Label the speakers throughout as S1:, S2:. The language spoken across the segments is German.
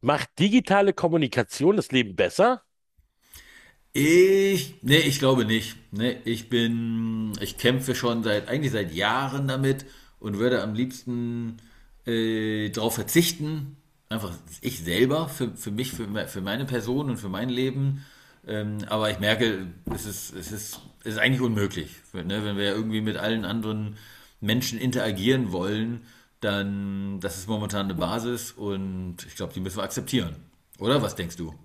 S1: Macht digitale Kommunikation das Leben besser?
S2: Ich glaube nicht. Nee, ich kämpfe schon eigentlich seit Jahren damit und würde am liebsten darauf verzichten, einfach ich selber, für mich, für meine Person und für mein Leben. Aber ich merke, es ist eigentlich unmöglich. Ne, wenn wir ja irgendwie mit allen anderen Menschen interagieren wollen, dann, das ist momentan eine Basis und ich glaube, die müssen wir akzeptieren. Oder was denkst du?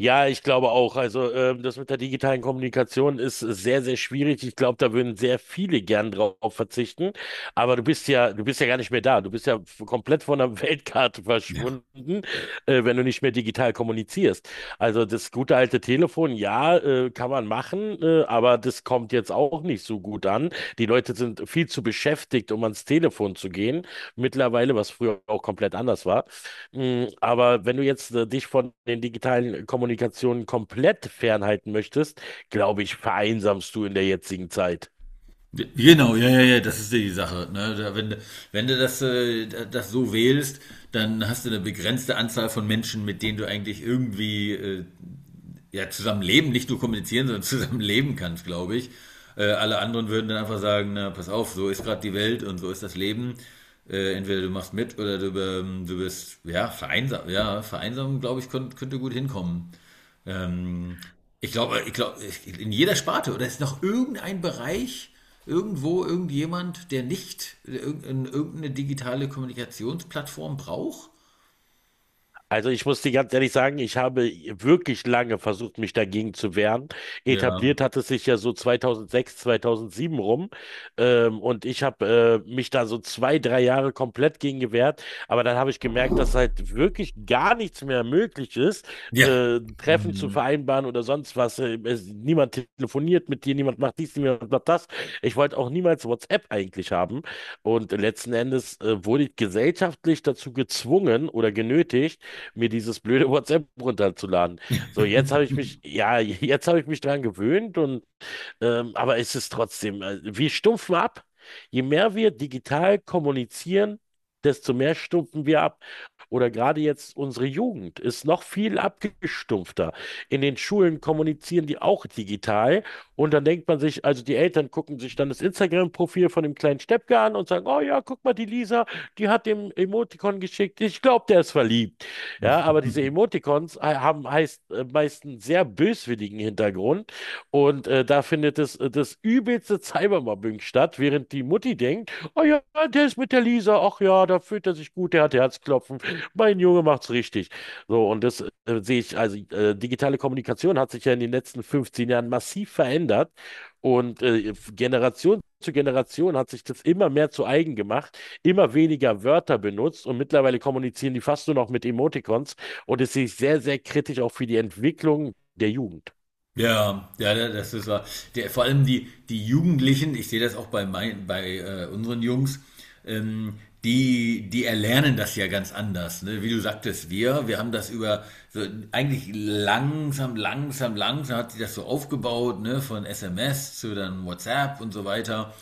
S1: Ja, ich glaube auch. Also das mit der digitalen Kommunikation ist sehr, sehr schwierig. Ich glaube, da würden sehr viele gern drauf verzichten. Aber du bist ja gar nicht mehr da. Du bist ja komplett von der Weltkarte
S2: Ja.
S1: verschwunden, wenn du nicht mehr digital kommunizierst. Also das gute alte Telefon, ja, kann man machen, aber das kommt jetzt auch nicht so gut an. Die Leute sind viel zu beschäftigt, um ans Telefon zu gehen. Mittlerweile, was früher auch komplett anders war. Aber wenn du jetzt dich von den digitalen Kommunikationen komplett fernhalten möchtest, glaube ich, vereinsamst du in der jetzigen Zeit.
S2: Genau, ja, ja, ja, das ist die Sache. Ne? Da, wenn, wenn du das so wählst, dann hast du eine begrenzte Anzahl von Menschen, mit denen du eigentlich irgendwie ja, zusammenleben, nicht nur kommunizieren, sondern zusammenleben kannst, glaube ich. Alle anderen würden dann einfach sagen, na, pass auf, so ist gerade die Welt und so ist das Leben. Entweder du machst mit oder du bist, ja, vereinsam. Ja, vereinsamen, glaube ich, könnte gut hinkommen. Ähm, ich glaube, in jeder Sparte oder ist noch irgendein Bereich, irgendwo irgendjemand, der nicht irgendeine digitale Kommunikationsplattform braucht?
S1: Also ich muss dir ganz ehrlich sagen, ich habe wirklich lange versucht, mich dagegen zu wehren.
S2: Ja.
S1: Etabliert hat es sich ja so 2006, 2007 rum. Und ich habe mich da so zwei, drei Jahre komplett gegen gewehrt. Aber dann habe ich gemerkt, dass halt wirklich gar nichts mehr möglich ist,
S2: Ja.
S1: Treffen zu
S2: Mhm.
S1: vereinbaren oder sonst was. Niemand telefoniert mit dir, niemand macht dies, niemand macht das. Ich wollte auch niemals WhatsApp eigentlich haben. Und letzten Endes wurde ich gesellschaftlich dazu gezwungen oder genötigt, mir dieses blöde WhatsApp runterzuladen. So, jetzt habe ich mich, ja, jetzt habe ich mich dran gewöhnt und aber es ist trotzdem, wir stumpfen ab. Je mehr wir digital kommunizieren, desto mehr stumpfen wir ab. Oder gerade jetzt unsere Jugend ist noch viel abgestumpfter. In den Schulen kommunizieren die auch digital. Und dann denkt man sich, also die Eltern gucken sich dann das Instagram-Profil von dem kleinen Steppke an und sagen, oh ja, guck mal, die Lisa, die hat dem Emoticon geschickt. Ich glaube, der ist verliebt. Ja, aber diese Emoticons haben heißt, meist einen sehr böswilligen Hintergrund. Und da findet das übelste Cybermobbing statt, während die Mutti denkt, oh ja, der ist mit der Lisa, ach ja, da fühlt er sich gut, der hat Herzklopfen, mein Junge macht's richtig. So, und das sehe ich, digitale Kommunikation hat sich ja in den letzten 15 Jahren massiv verändert und Generation zu Generation hat sich das immer mehr zu eigen gemacht, immer weniger Wörter benutzt und mittlerweile kommunizieren die fast nur noch mit Emoticons und das sehe ich sehr, sehr kritisch auch für die Entwicklung der Jugend.
S2: Ja, ja, das ist wahr. Vor allem die Jugendlichen, ich sehe das auch bei unseren Jungs, ähm, die erlernen das ja ganz anders. Ne? Wie du sagtest, wir haben das über so eigentlich langsam hat sich das so aufgebaut, ne? Von SMS zu dann WhatsApp und so weiter.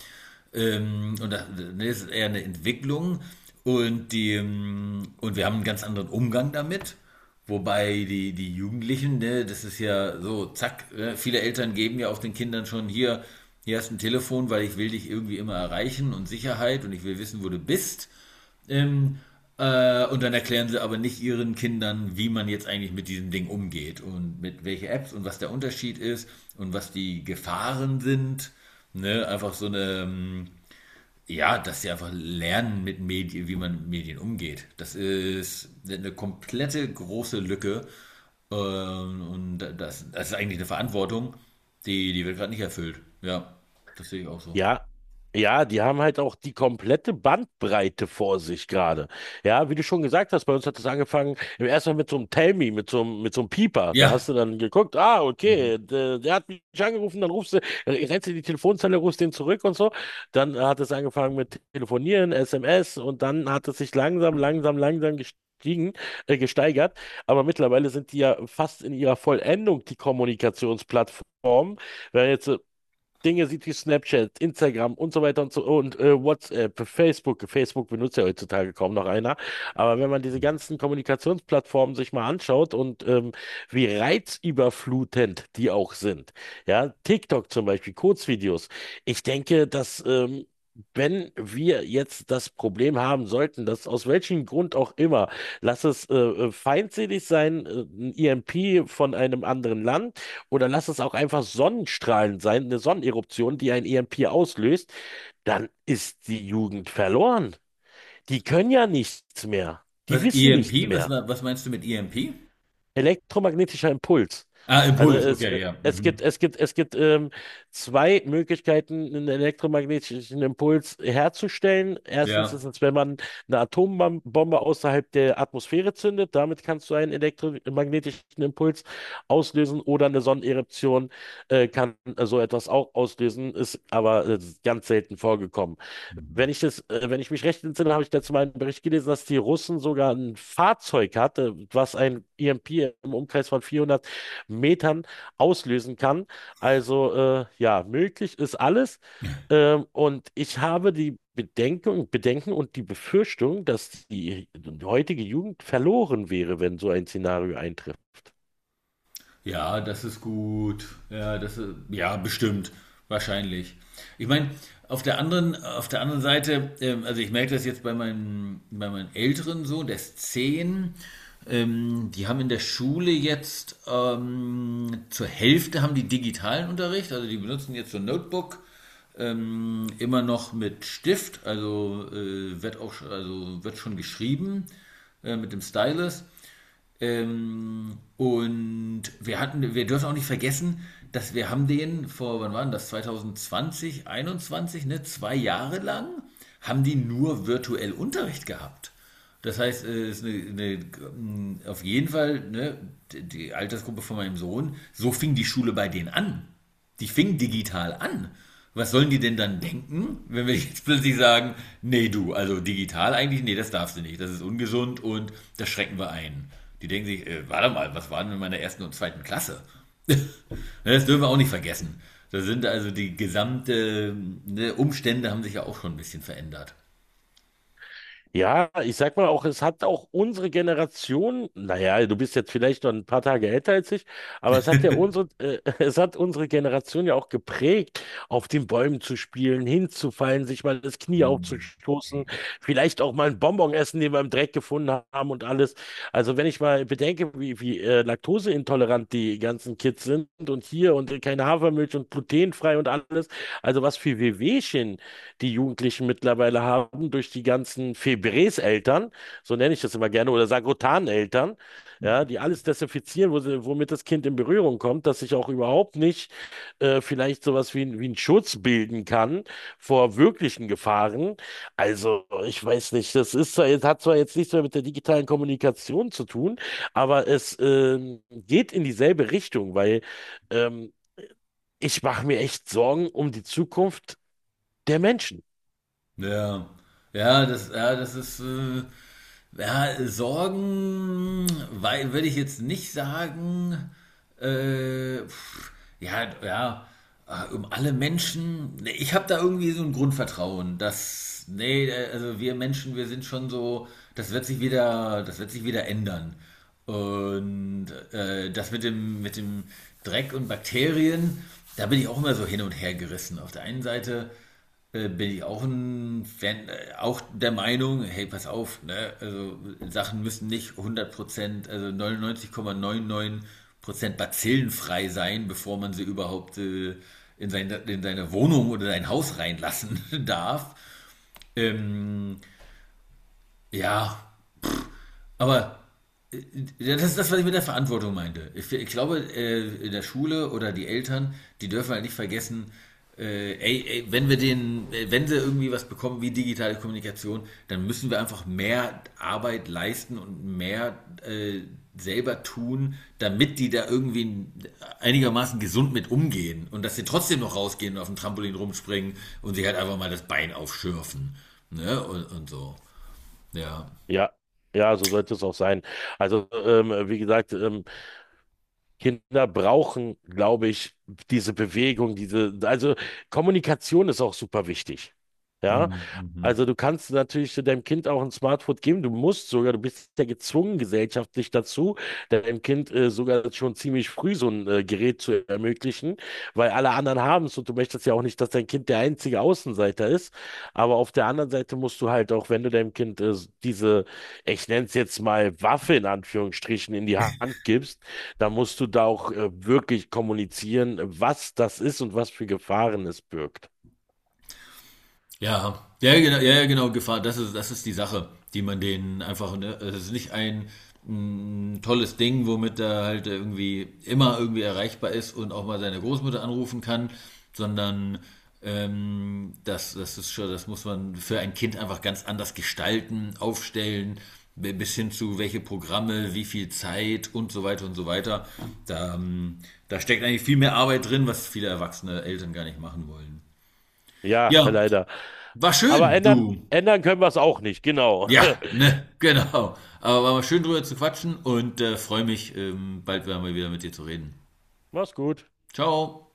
S2: Und das ist eher eine Entwicklung. Und wir haben einen ganz anderen Umgang damit. Wobei die Jugendlichen, ne, das ist ja so, zack, ne, viele Eltern geben ja auch den Kindern schon hier, hier hast du ein Telefon, weil ich will dich irgendwie immer erreichen und Sicherheit und ich will wissen, wo du bist. Ähm, und dann erklären sie aber nicht ihren Kindern, wie man jetzt eigentlich mit diesem Ding umgeht und mit welche Apps und was der Unterschied ist und was die Gefahren sind. Ne? Ja, dass sie einfach lernen, mit Medien, wie man mit Medien umgeht. Das ist eine komplette große Lücke. Und das ist eigentlich eine Verantwortung, die wird gerade nicht erfüllt. Ja, das sehe ich auch so.
S1: Ja, Ja, die haben halt auch die komplette Bandbreite vor sich gerade. Ja, wie du schon gesagt hast, bei uns hat es angefangen im ersten Mal mit so einem Tell Me, mit mit so einem Pieper. Da hast
S2: Ja.
S1: du dann geguckt, ah,
S2: Mhm.
S1: okay, der hat mich angerufen, rennst du in die Telefonzelle, rufst den zurück und so. Dann hat es angefangen mit Telefonieren, SMS und dann hat es sich langsam, langsam, langsam gestiegen, gesteigert. Aber mittlerweile sind die ja fast in ihrer Vollendung die Kommunikationsplattform. Wenn jetzt Dinge sieht wie Snapchat, Instagram und so weiter und so und WhatsApp, Facebook. Facebook benutzt ja heutzutage kaum noch einer. Aber wenn man diese ganzen Kommunikationsplattformen sich mal anschaut und wie reizüberflutend die auch sind, ja, TikTok zum Beispiel, Kurzvideos. Ich denke, dass, wenn wir jetzt das Problem haben sollten, dass aus welchem Grund auch immer, lass es feindselig sein, ein EMP von einem anderen Land, oder lass es auch einfach Sonnenstrahlen sein, eine Sonneneruption, die ein EMP auslöst, dann ist die Jugend verloren. Die können ja nichts mehr. Die
S2: Was
S1: wissen
S2: EMP?
S1: nichts mehr.
S2: Was meinst du mit EMP?
S1: Elektromagnetischer Impuls.
S2: Ah,
S1: Also
S2: Impuls,
S1: es, äh,
S2: okay, ja.
S1: es
S2: Mhm.
S1: gibt, es gibt, es gibt zwei Möglichkeiten, einen elektromagnetischen Impuls herzustellen. Erstens ist
S2: Ja.
S1: es, wenn man eine Atombombe außerhalb der Atmosphäre zündet, damit kannst du einen elektromagnetischen Impuls auslösen oder eine Sonneneruption kann so etwas auch auslösen, ist aber ganz selten vorgekommen.
S2: Mhm.
S1: Wenn ich mich recht entsinne, habe ich dazu mal einen Bericht gelesen, dass die Russen sogar ein Fahrzeug hatte, was ein EMP im Umkreis von 400 Metern auslösen kann. Also ja, möglich ist alles. Und ich habe die Bedenken und die Befürchtung, dass die heutige Jugend verloren wäre, wenn so ein Szenario eintrifft.
S2: Ja, das ist gut. Ja, das ist, ja, bestimmt. Wahrscheinlich. Ich meine, auf der anderen Seite, also ich merke das jetzt bei meinem älteren Sohn, der ist 10. Die haben in der Schule jetzt zur Hälfte haben die digitalen Unterricht, also die benutzen jetzt so ein Notebook, immer noch mit Stift, wird auch also wird schon geschrieben mit dem Stylus. Wir hatten, wir dürfen auch nicht vergessen, dass wir haben den vor, wann waren das? 2020, 21, ne? 2 Jahre lang haben die nur virtuell Unterricht gehabt. Das heißt, es ist eine, auf jeden Fall, ne, die Altersgruppe von meinem Sohn, so fing die Schule bei denen an. Die fing digital an. Was sollen die denn dann denken, wenn wir jetzt plötzlich sagen, nee du, also digital eigentlich, nee, das darfst du nicht, das ist ungesund und das schrecken wir ein. Die denken sich, warte mal, was waren denn in meiner ersten und zweiten Klasse? Das dürfen wir auch nicht vergessen. Da sind also die gesamten ne, Umstände haben sich ja auch schon ein bisschen verändert.
S1: Ja, ich sag mal auch, es hat auch unsere Generation, naja, du bist jetzt vielleicht noch ein paar Tage älter als ich, aber es hat ja es hat unsere Generation ja auch geprägt, auf den Bäumen zu spielen, hinzufallen, sich mal das Knie aufzustoßen, vielleicht auch mal einen Bonbon essen, den wir im Dreck gefunden haben und alles. Also wenn ich mal bedenke, wie laktoseintolerant die ganzen Kids sind und hier und keine Hafermilch und glutenfrei und alles, also was für Wehwehchen die Jugendlichen mittlerweile haben durch die ganzen Febrés-Eltern, so nenne ich das immer gerne, oder Sagrotan-Eltern, ja, die alles desinfizieren, wo sie, womit das Kind in Berührung kommt, dass sich auch überhaupt nicht vielleicht sowas wie, wie ein Schutz bilden kann vor wirklichen Gefahren. Also, ich weiß nicht, das ist zwar, hat zwar jetzt nichts mehr mit der digitalen Kommunikation zu tun, aber es geht in dieselbe Richtung, weil ähm, ich mache mir echt Sorgen um die Zukunft der Menschen.
S2: Ja, ja, ja, Sorgen, weil, würde ich jetzt nicht sagen, äh, pff, ja, ja, um alle Menschen. Nee, ich habe da irgendwie so ein Grundvertrauen, also wir Menschen, wir sind schon so, das wird sich wieder ändern. Und das mit mit dem Dreck und Bakterien, da bin ich auch immer so hin und her gerissen. Auf der einen Seite bin ich auch ein Fan, auch der Meinung, hey, pass auf, ne? Also Sachen müssen nicht 100%, also 99,99% bazillenfrei sein, bevor man sie überhaupt in seine Wohnung oder sein Haus reinlassen darf. Ähm, ja, aber Ja, das ist das, was ich mit der Verantwortung meinte. Ich glaube, in der Schule oder die Eltern, die dürfen halt nicht vergessen, wenn wenn sie irgendwie was bekommen wie digitale Kommunikation, dann müssen wir einfach mehr Arbeit leisten und mehr äh, selber tun, damit die da irgendwie einigermaßen gesund mit umgehen und dass sie trotzdem noch rausgehen und auf dem Trampolin rumspringen und sich halt einfach mal das Bein aufschürfen. Ne? Und so. Ja.
S1: Ja, ja, so sollte es auch sein. Also, wie gesagt, Kinder brauchen, glaube ich, diese Bewegung, diese, also Kommunikation ist auch super wichtig. Ja,
S2: Mhm.
S1: also
S2: Mhm.
S1: du kannst natürlich so deinem Kind auch ein Smartphone geben, du musst sogar, du bist ja gezwungen gesellschaftlich dazu, deinem Kind sogar schon ziemlich früh so ein Gerät zu ermöglichen, weil alle anderen haben es und du möchtest ja auch nicht, dass dein Kind der einzige Außenseiter ist. Aber auf der anderen Seite musst du halt auch, wenn du deinem Kind diese, ich nenne es jetzt mal Waffe in Anführungsstrichen, in die Hand gibst, da musst du da auch wirklich kommunizieren, was das ist und was für Gefahren es birgt.
S2: Ja, ja, ja, genau, ja, ja, genau, Gefahr, das ist die Sache, die man denen einfach, ne, also es ist nicht ein tolles Ding, womit er halt irgendwie immer irgendwie erreichbar ist und auch mal seine Großmutter anrufen kann, sondern das ist schon, das muss man für ein Kind einfach ganz anders gestalten, aufstellen, bis hin zu welche Programme, wie viel Zeit und so weiter und so weiter. Da, ähm, Da steckt eigentlich viel mehr Arbeit drin, was viele erwachsene Eltern gar nicht machen wollen.
S1: Ja,
S2: Ja,
S1: leider.
S2: war
S1: Aber
S2: schön,
S1: ändern,
S2: du.
S1: ändern können wir es auch nicht, genau.
S2: Ja, ne, genau. Aber war mal schön drüber zu quatschen und freue mich, bald wieder mal wieder mit dir zu reden.
S1: Mach's gut.
S2: Ciao.